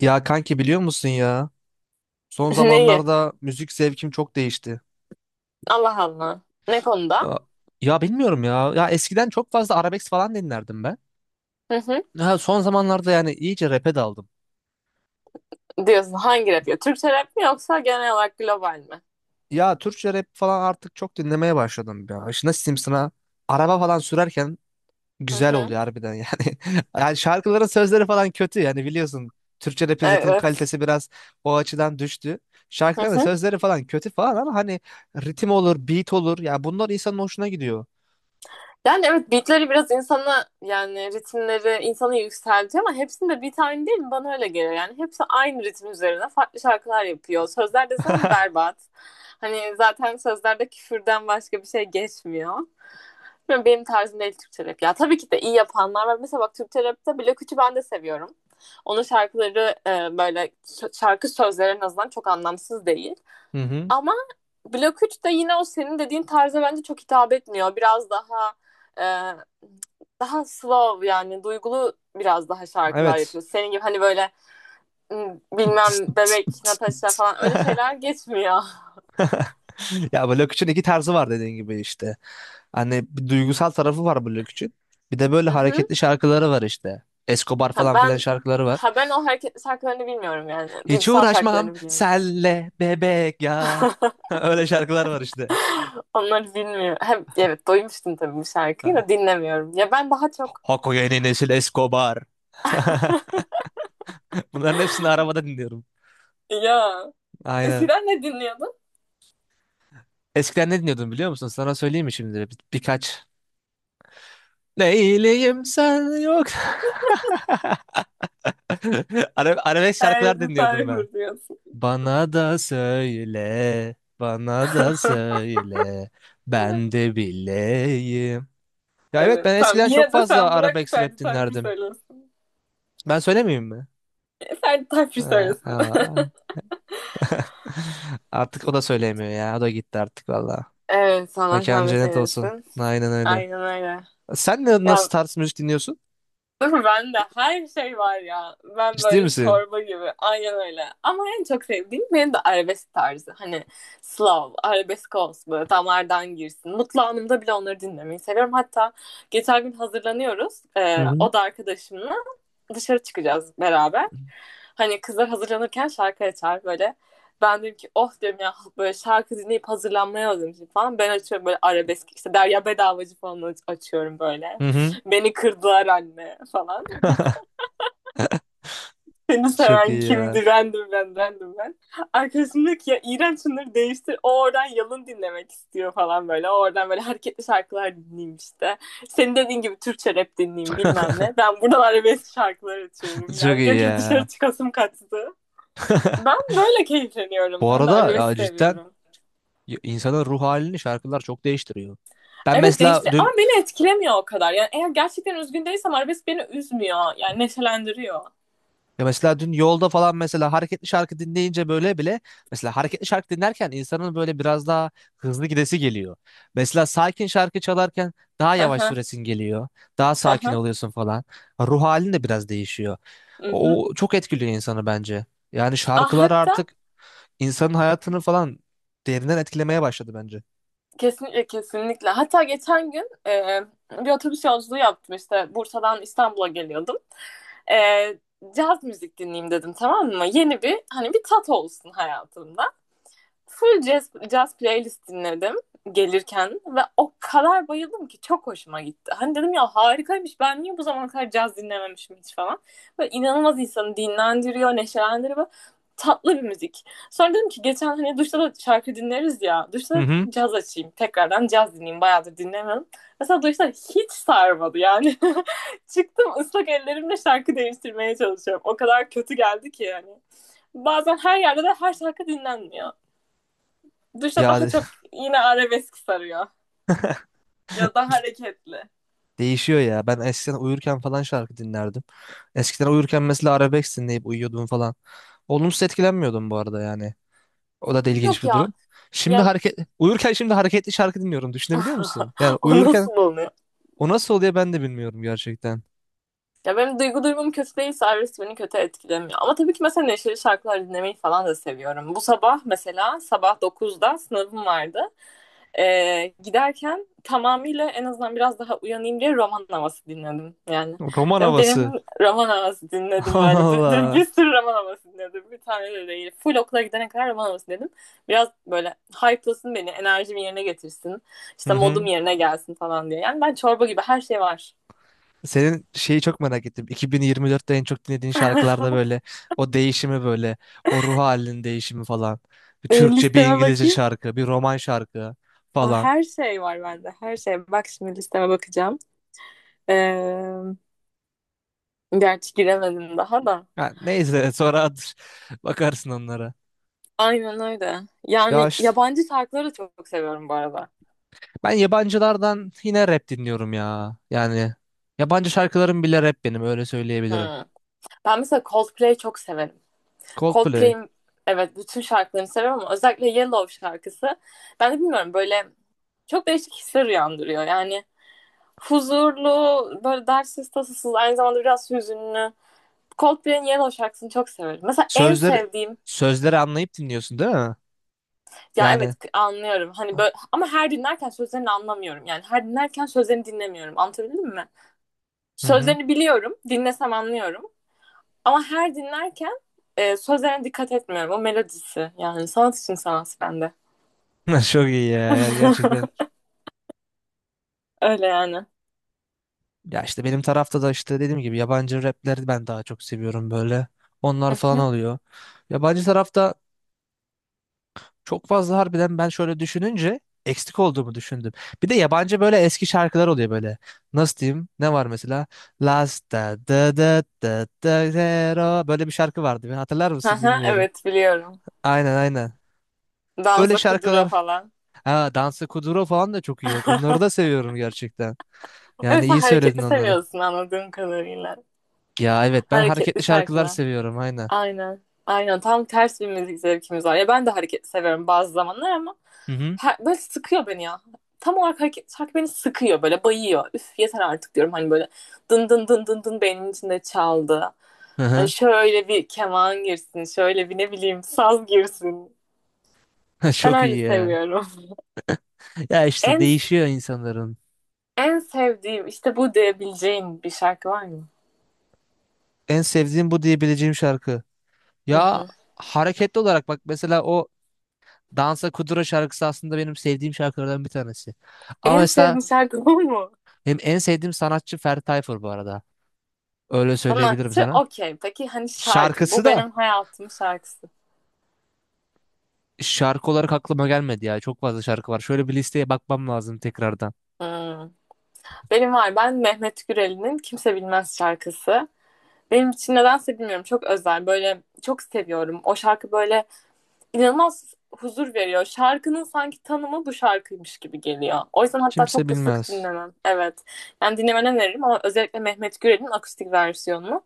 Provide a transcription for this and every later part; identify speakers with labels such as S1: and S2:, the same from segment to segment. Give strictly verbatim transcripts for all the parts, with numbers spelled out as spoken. S1: Ya kanki biliyor musun ya? Son
S2: Neyi?
S1: zamanlarda müzik zevkim çok değişti.
S2: Allah Allah. Ne konuda?
S1: Aa, ya bilmiyorum ya. Ya eskiden çok fazla arabesk falan dinlerdim ben.
S2: Hı hı.
S1: Ya son zamanlarda yani iyice rap'e daldım.
S2: Diyorsun hangi rap ya? Türkçe rap mi yoksa genel olarak global mi?
S1: Ya Türkçe rap falan artık çok dinlemeye başladım ya. İşte nasıl diyeyim sana? Araba falan sürerken
S2: Hı
S1: güzel
S2: hı.
S1: oluyor harbiden yani. Yani şarkıların sözleri falan kötü yani biliyorsun. Türkçe rap'in zaten
S2: Evet.
S1: kalitesi biraz o açıdan düştü. Şarkıların sözleri falan kötü falan ama hani ritim olur, beat olur. Ya bunlar insanın hoşuna gidiyor.
S2: Yani evet, beatleri biraz insana yani ritimleri insanı yükseltiyor ama hepsinde bir tane değil mi? Bana öyle geliyor yani. Hepsi aynı ritim üzerine farklı şarkılar yapıyor. Sözler desen berbat. Hani zaten sözlerde küfürden başka bir şey geçmiyor. Bilmiyorum, Benim tarzım değil Türkçe rap ya. Tabii ki de iyi yapanlar var. Mesela bak Türkçe rapte Blok üçü ben de seviyorum. Onun şarkıları e, böyle şarkı sözleri en azından çok anlamsız değil.
S1: Hı hı.
S2: Ama Blok üç de yine o senin dediğin tarza bence çok hitap etmiyor. Biraz daha e, daha slow, yani duygulu biraz daha şarkılar
S1: Evet.
S2: yapıyor. Senin gibi hani böyle m, bilmem bebek, Natasha falan öyle şeyler geçmiyor.
S1: Ya bu için iki tarzı var dediğin gibi işte. Hani bir duygusal tarafı var bu için. Bir de böyle
S2: Hı hı.
S1: hareketli şarkıları var işte. Escobar
S2: Ha,
S1: falan filan
S2: ben
S1: şarkıları var.
S2: ha ben o hareketli şarkılarını bilmiyorum yani.
S1: Hiç
S2: Duygusal
S1: uğraşmam
S2: şarkılarını biliyorum.
S1: senle bebek ya. Öyle şarkılar var işte.
S2: Onları bilmiyorum. Hem, evet, doymuştum tabii bu şarkıyı da
S1: Ha.
S2: dinlemiyorum. Ya ben daha çok.
S1: Hako yeni nesil Escobar. Bunların hepsini arabada dinliyorum.
S2: Ya
S1: Aynen.
S2: eskiden ne dinliyordun?
S1: Eskiden ne dinliyordum biliyor musun? Sana söyleyeyim mi şimdi? Bir- birkaç. Neyleyim sen yok. Ara- Arabesk
S2: Her
S1: şarkılar
S2: bir
S1: dinliyordum ben.
S2: sayfa diyorsun.
S1: Bana da söyle, bana da söyle, ben de bileyim. Ya evet
S2: Evet.
S1: ben
S2: Tamam.
S1: eskiden çok
S2: Yine de
S1: fazla
S2: sen bırak
S1: arabesk rap
S2: Ferdi Tayfur
S1: dinlerdim.
S2: söylesin.
S1: Ben söylemeyeyim mi?
S2: E, Ferdi Tayfur
S1: Ha,
S2: söylesin.
S1: ha. Artık o da söyleyemiyor ya. O da gitti artık valla.
S2: Evet, Allah
S1: Mekan
S2: rahmet
S1: cennet olsun.
S2: eylesin.
S1: Aynen öyle.
S2: Aynen öyle.
S1: Sen ne, nasıl
S2: Ya,
S1: tarz müzik dinliyorsun?
S2: değil mi? Bende her şey var ya. Ben
S1: Ciddi
S2: böyle
S1: misin?
S2: çorba gibi. Aynen öyle. Ama en çok sevdiğim benim de arabesk tarzı. Hani Slav, arabesk olsun böyle damardan girsin. Mutlu anımda bile onları dinlemeyi seviyorum. Hatta geçen gün hazırlanıyoruz.
S1: Hı
S2: Ee,
S1: hı.
S2: o da arkadaşımla. dışarı çıkacağız beraber. Hani kızlar hazırlanırken şarkı açar böyle. Ben dedim ki oh, diyorum ya, böyle şarkı dinleyip hazırlanmaya hazırım falan. Ben açıyorum böyle arabesk işte, Derya Bedavacı falan aç- açıyorum böyle.
S1: Hı hı.
S2: Beni kırdılar anne falan. Seni
S1: Çok iyi
S2: seven
S1: ya.
S2: kimdi? Random ben, random ben. Arkadaşım diyor ki ya, iğrenç, şunları değiştir. O oradan yalın dinlemek istiyor falan böyle. O oradan böyle hareketli şarkılar dinleyeyim işte. Senin dediğin gibi Türkçe rap dinleyeyim, bilmem ne. Ben buradan arabesk şarkılar açıyorum.
S1: Çok
S2: Yani
S1: iyi
S2: diyor ki dışarı
S1: ya.
S2: çıkasım kaçtı. Ben böyle keyifleniyorum.
S1: Bu
S2: Ben de
S1: arada ya
S2: arabesk
S1: cidden
S2: seviyorum.
S1: y- insanın ruh halini şarkılar çok değiştiriyor. Ben
S2: Evet,
S1: mesela
S2: değiştir, ama
S1: dün
S2: beni etkilemiyor o kadar. Yani eğer gerçekten üzgün değilsem arabesk beni üzmüyor. Yani neşelendiriyor.
S1: Ya mesela dün yolda falan mesela hareketli şarkı dinleyince böyle bile mesela hareketli şarkı dinlerken insanın böyle biraz daha hızlı gidesi geliyor. Mesela sakin şarkı çalarken daha yavaş
S2: Aha.
S1: süresin geliyor. Daha sakin
S2: Aha.
S1: oluyorsun falan. Ruh halin de biraz değişiyor.
S2: Hı hı.
S1: O çok etkiliyor insanı bence. Yani
S2: Ah,
S1: şarkılar
S2: hatta
S1: artık insanın hayatını falan derinden etkilemeye başladı bence.
S2: kesinlikle, kesinlikle. Hatta geçen gün e, bir otobüs yolculuğu yaptım işte, Bursa'dan İstanbul'a geliyordum. E, Caz müzik dinleyeyim dedim, tamam mı? Yeni bir hani, bir tat olsun hayatımda, full jazz, jazz playlist dinledim gelirken ve o kadar bayıldım ki çok hoşuma gitti. Hani dedim ya harikaymış, ben niye bu zamana kadar caz dinlememişim hiç falan. Böyle inanılmaz insanı dinlendiriyor, neşelendiriyor, tatlı bir müzik. Sonra dedim ki geçen, hani duşta da şarkı dinleriz ya, duşta
S1: Hı
S2: da
S1: hı.
S2: caz açayım, tekrardan caz dinleyeyim, bayağıdır dinlemedim. Mesela duşta hiç sarmadı yani. Çıktım ıslak ellerimle şarkı değiştirmeye çalışıyorum. O kadar kötü geldi ki yani. Bazen her yerde de her şarkı dinlenmiyor. Duşa
S1: Ya
S2: daha çok yine arabesk sarıyor. Ya da hareketli.
S1: değişiyor ya. Ben eskiden uyurken falan şarkı dinlerdim. Eskiden uyurken mesela arabesk dinleyip uyuyordum falan. Olumsuz etkilenmiyordum bu arada yani. O da da ilginç
S2: Yok
S1: bir
S2: ya.
S1: durum. Şimdi
S2: Ya,
S1: hareket uyurken şimdi hareketli şarkı dinliyorum. Düşünebiliyor musun? Yani
S2: o nasıl
S1: uyurken
S2: oluyor?
S1: o nasıl oluyor ben de bilmiyorum gerçekten.
S2: Ya benim duygu durumum kötü değilse arabesk beni kötü etkilemiyor. Ama tabii ki mesela neşeli şarkılar dinlemeyi falan da seviyorum. Bu sabah mesela sabah dokuzda sınavım vardı. Ee, giderken tamamıyla, en azından biraz daha uyanayım diye, roman havası dinledim yani.
S1: Roman
S2: Değil Benim,
S1: havası.
S2: roman havası dinledim
S1: Allah
S2: böyle. Bir, bir,
S1: Allah.
S2: bir sürü roman havası dinledim. Bir tane de değil. Full okula gidene kadar roman havası dinledim. Biraz böyle hype'lasın beni, enerjimi yerine getirsin.
S1: Hı
S2: İşte modum
S1: hı.
S2: yerine gelsin falan diye. Yani ben çorba gibi, her şey var.
S1: Senin şeyi çok merak ettim. iki bin yirmi dörtte en çok dinlediğin şarkılarda böyle o değişimi böyle o ruh halinin değişimi falan. Bir
S2: Ee,
S1: Türkçe, bir
S2: listeme
S1: İngilizce
S2: bakayım.
S1: şarkı, bir roman şarkı
S2: Aa,
S1: falan.
S2: her şey var bende. Her şey. Bak şimdi listeme bakacağım. Ee, Gerçi giremedim daha da.
S1: Ha, neyse sonra at- bakarsın onlara.
S2: Aynen öyle.
S1: Ya
S2: Yani
S1: işte
S2: yabancı şarkıları da çok seviyorum bu arada.
S1: ben yabancılardan yine rap dinliyorum ya. Yani yabancı şarkılarım bile rap benim öyle söyleyebilirim.
S2: Hmm. Ben mesela Coldplay'i çok severim.
S1: Coldplay.
S2: Coldplay'in, evet, bütün şarkılarını seviyorum ama özellikle Yellow şarkısı. Ben de bilmiyorum, böyle çok değişik hisler uyandırıyor. Yani huzurlu, böyle dertsiz tasasız, aynı zamanda biraz hüzünlü. Coldplay'in Yellow şarkısını çok severim. Mesela en
S1: Sözleri
S2: sevdiğim.
S1: sözleri anlayıp dinliyorsun değil mi?
S2: Ya evet,
S1: Yani
S2: anlıyorum. Hani böyle ama her dinlerken sözlerini anlamıyorum. Yani her dinlerken sözlerini dinlemiyorum. Anlatabildim mi?
S1: hı hı.
S2: Sözlerini biliyorum, dinlesem anlıyorum. Ama her dinlerken e, sözlerine dikkat etmiyorum. O melodisi, yani sanat için sanat bende.
S1: Çok iyi ya ya gerçekten.
S2: Öyle yani.
S1: Ya işte benim tarafta da işte dediğim gibi yabancı rapleri ben daha çok seviyorum böyle. Onlar falan oluyor. Yabancı tarafta. Çok fazla harbiden ben şöyle düşününce eksik olduğumu düşündüm. Bir de yabancı böyle eski şarkılar oluyor böyle. Nasıl diyeyim? Ne var mesela? Last da da da da da zero. Böyle bir şarkı vardı. Bir hatırlar mısın
S2: Aha,
S1: bilmiyorum.
S2: Evet biliyorum.
S1: Aynen aynen. Öyle
S2: Danza kudura
S1: şarkılar.
S2: falan.
S1: Ha, Dansa Kuduro falan da çok iyi bak. Onları da seviyorum gerçekten. Yani
S2: Evet, sen
S1: iyi söyledin
S2: hareketli
S1: onları.
S2: seviyorsun anladığım kadarıyla.
S1: Ya evet ben
S2: Hareketli
S1: hareketli şarkılar
S2: şarkılar.
S1: seviyorum aynen.
S2: Aynen. Aynen. Tam ters bir müzik zevkimiz var. Ya ben de hareket severim bazı zamanlar ama
S1: Hı hı.
S2: her- böyle sıkıyor beni ya. Tam olarak hareket şarkı beni sıkıyor, böyle bayıyor. Üf, yeter artık, diyorum, hani böyle dın dın dın dın dın beynimin içinde çaldı.
S1: Hı
S2: Hani
S1: hı.
S2: şöyle bir keman girsin, şöyle bir ne bileyim saz girsin. Ben
S1: Çok iyi
S2: öyle
S1: ya.
S2: seviyorum.
S1: Ya işte
S2: En
S1: değişiyor insanların.
S2: en sevdiğim işte bu diyebileceğin bir şarkı var mı?
S1: En sevdiğim bu diyebileceğim şarkı.
S2: Hı
S1: Ya
S2: hı.
S1: hareketli olarak bak mesela o Dansa Kuduro şarkısı aslında benim sevdiğim şarkılardan bir tanesi. Ama
S2: En
S1: mesela
S2: sevdiğim şarkı bu mu?
S1: benim en sevdiğim sanatçı Ferdi Tayfur bu arada. Öyle söyleyebilirim
S2: Sanatçı
S1: sana.
S2: okey. Peki hani şarkı.
S1: Şarkısı
S2: Bu
S1: da
S2: benim hayatımın şarkısı.
S1: şarkı olarak aklıma gelmedi ya. Çok fazla şarkı var. Şöyle bir listeye bakmam lazım tekrardan.
S2: Hmm. Benim var. Ben Mehmet Gürel'in Kimse Bilmez şarkısı. Benim için nedense bilmiyorum, çok özel. Böyle çok seviyorum. O şarkı böyle inanılmaz huzur veriyor. Şarkının sanki tanımı bu şarkıymış gibi geliyor. O yüzden hatta
S1: Kimse
S2: çok da sık
S1: bilmez.
S2: dinlemem. Evet. Yani dinlemeni öneririm ama özellikle Mehmet Gürel'in akustik versiyonunu.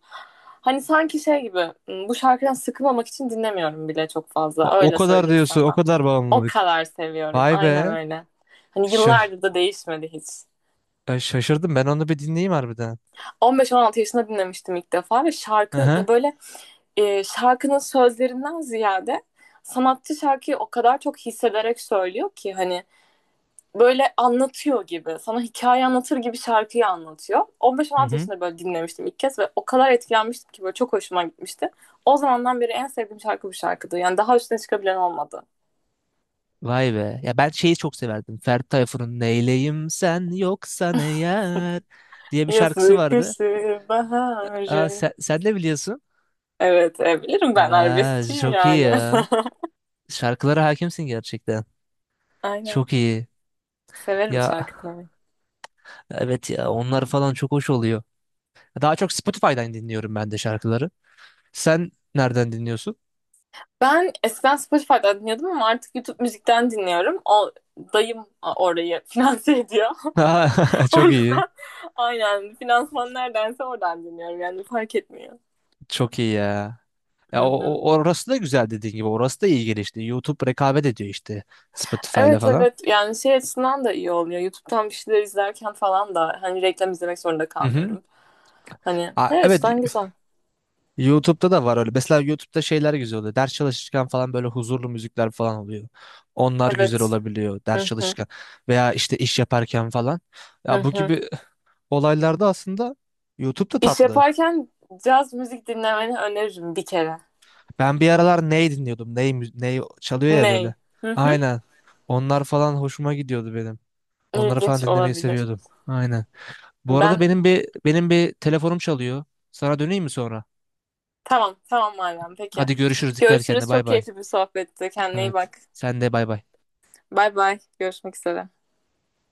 S2: Hani sanki şey gibi, hmm, bu şarkıdan sıkılmamak için dinlemiyorum bile çok
S1: O
S2: fazla.
S1: o
S2: Öyle
S1: kadar
S2: söyleyeyim
S1: diyorsun, o
S2: sana.
S1: kadar
S2: O
S1: bağımlılık.
S2: kadar seviyorum.
S1: Vay
S2: Aynen
S1: be.
S2: öyle. Hani
S1: Şa-
S2: yıllardır da değişmedi hiç.
S1: e, Şaşırdım. Ben onu bir dinleyeyim harbiden.
S2: on beş on altı yaşında dinlemiştim ilk defa ve
S1: Hı
S2: şarkı
S1: hı.
S2: ya, böyle e, şarkının sözlerinden ziyade sanatçı şarkıyı o kadar çok hissederek söylüyor ki, hani böyle anlatıyor gibi, sana hikaye anlatır gibi şarkıyı anlatıyor.
S1: Hı
S2: on beş on altı
S1: hı.
S2: yaşında böyle dinlemiştim ilk kez ve o kadar etkilenmiştim ki, böyle çok hoşuma gitmişti. O zamandan beri en sevdiğim şarkı bu şarkıdı. Yani daha üstüne çıkabilen olmadı.
S1: Vay be. Ya ben şeyi çok severdim. Ferdi Tayfur'un Neyleyim sen yoksan eğer diye bir şarkısı
S2: Yazık
S1: vardı.
S2: kışı
S1: Aa,
S2: baharı.
S1: sen, sen de biliyorsun.
S2: Evet, e, bilirim, ben
S1: Aa,
S2: arabeskçiyim
S1: çok iyi
S2: yani.
S1: ya. Şarkılara hakimsin gerçekten.
S2: Aynen.
S1: Çok iyi.
S2: Severim
S1: Ya
S2: şarkı dinlemeyi.
S1: evet ya onlar falan çok hoş oluyor. Daha çok Spotify'dan dinliyorum ben de şarkıları. Sen nereden dinliyorsun?
S2: Ben eskiden Spotify'dan dinliyordum ama artık YouTube müzikten dinliyorum. O, dayım orayı finanse ediyor. O
S1: Çok iyi.
S2: yüzden aynen, finansman neredense oradan dinliyorum. Yani fark etmiyor.
S1: Çok iyi ya.
S2: Hı
S1: Ya o,
S2: hı.
S1: o- orası da güzel dediğin gibi. Orası da iyi gelişti. YouTube rekabet ediyor işte Spotify'la
S2: Evet,
S1: falan.
S2: evet, yani şey açısından da iyi oluyor. YouTube'dan bir şeyler izlerken falan da hani reklam izlemek zorunda
S1: Hı hı.
S2: kalmıyorum. Hani
S1: Aa,
S2: her
S1: evet
S2: açıdan güzel.
S1: YouTube'da da var öyle. Mesela YouTube'da şeyler güzel oluyor. Ders çalışırken falan böyle huzurlu müzikler falan oluyor. Onlar güzel
S2: Evet.
S1: olabiliyor ders
S2: Hı hı,
S1: çalışırken veya işte iş yaparken falan.
S2: hı
S1: Ya bu
S2: hı.
S1: gibi olaylarda aslında YouTube'da
S2: İş
S1: tatlı.
S2: yaparken caz müzik dinlemeni öneririm bir kere.
S1: Ben bir aralar ney dinliyordum? Ney, mü- ney çalıyor ya böyle.
S2: Ney? Hı hı.
S1: Aynen. Onlar falan hoşuma gidiyordu benim. Onları falan
S2: İlginç
S1: dinlemeyi
S2: olabilir.
S1: seviyordum. Aynen. Bu arada
S2: Ben.
S1: benim bir benim bir telefonum çalıyor. Sana döneyim mi sonra?
S2: Tamam, tamam Meryem. Peki.
S1: Hadi görüşürüz. Dikkat et kendine.
S2: Görüşürüz.
S1: Bay
S2: Çok
S1: bay.
S2: keyifli bir sohbetti. Kendine iyi
S1: Evet.
S2: bak.
S1: Sen de bay bay.
S2: Bay bay. Görüşmek üzere.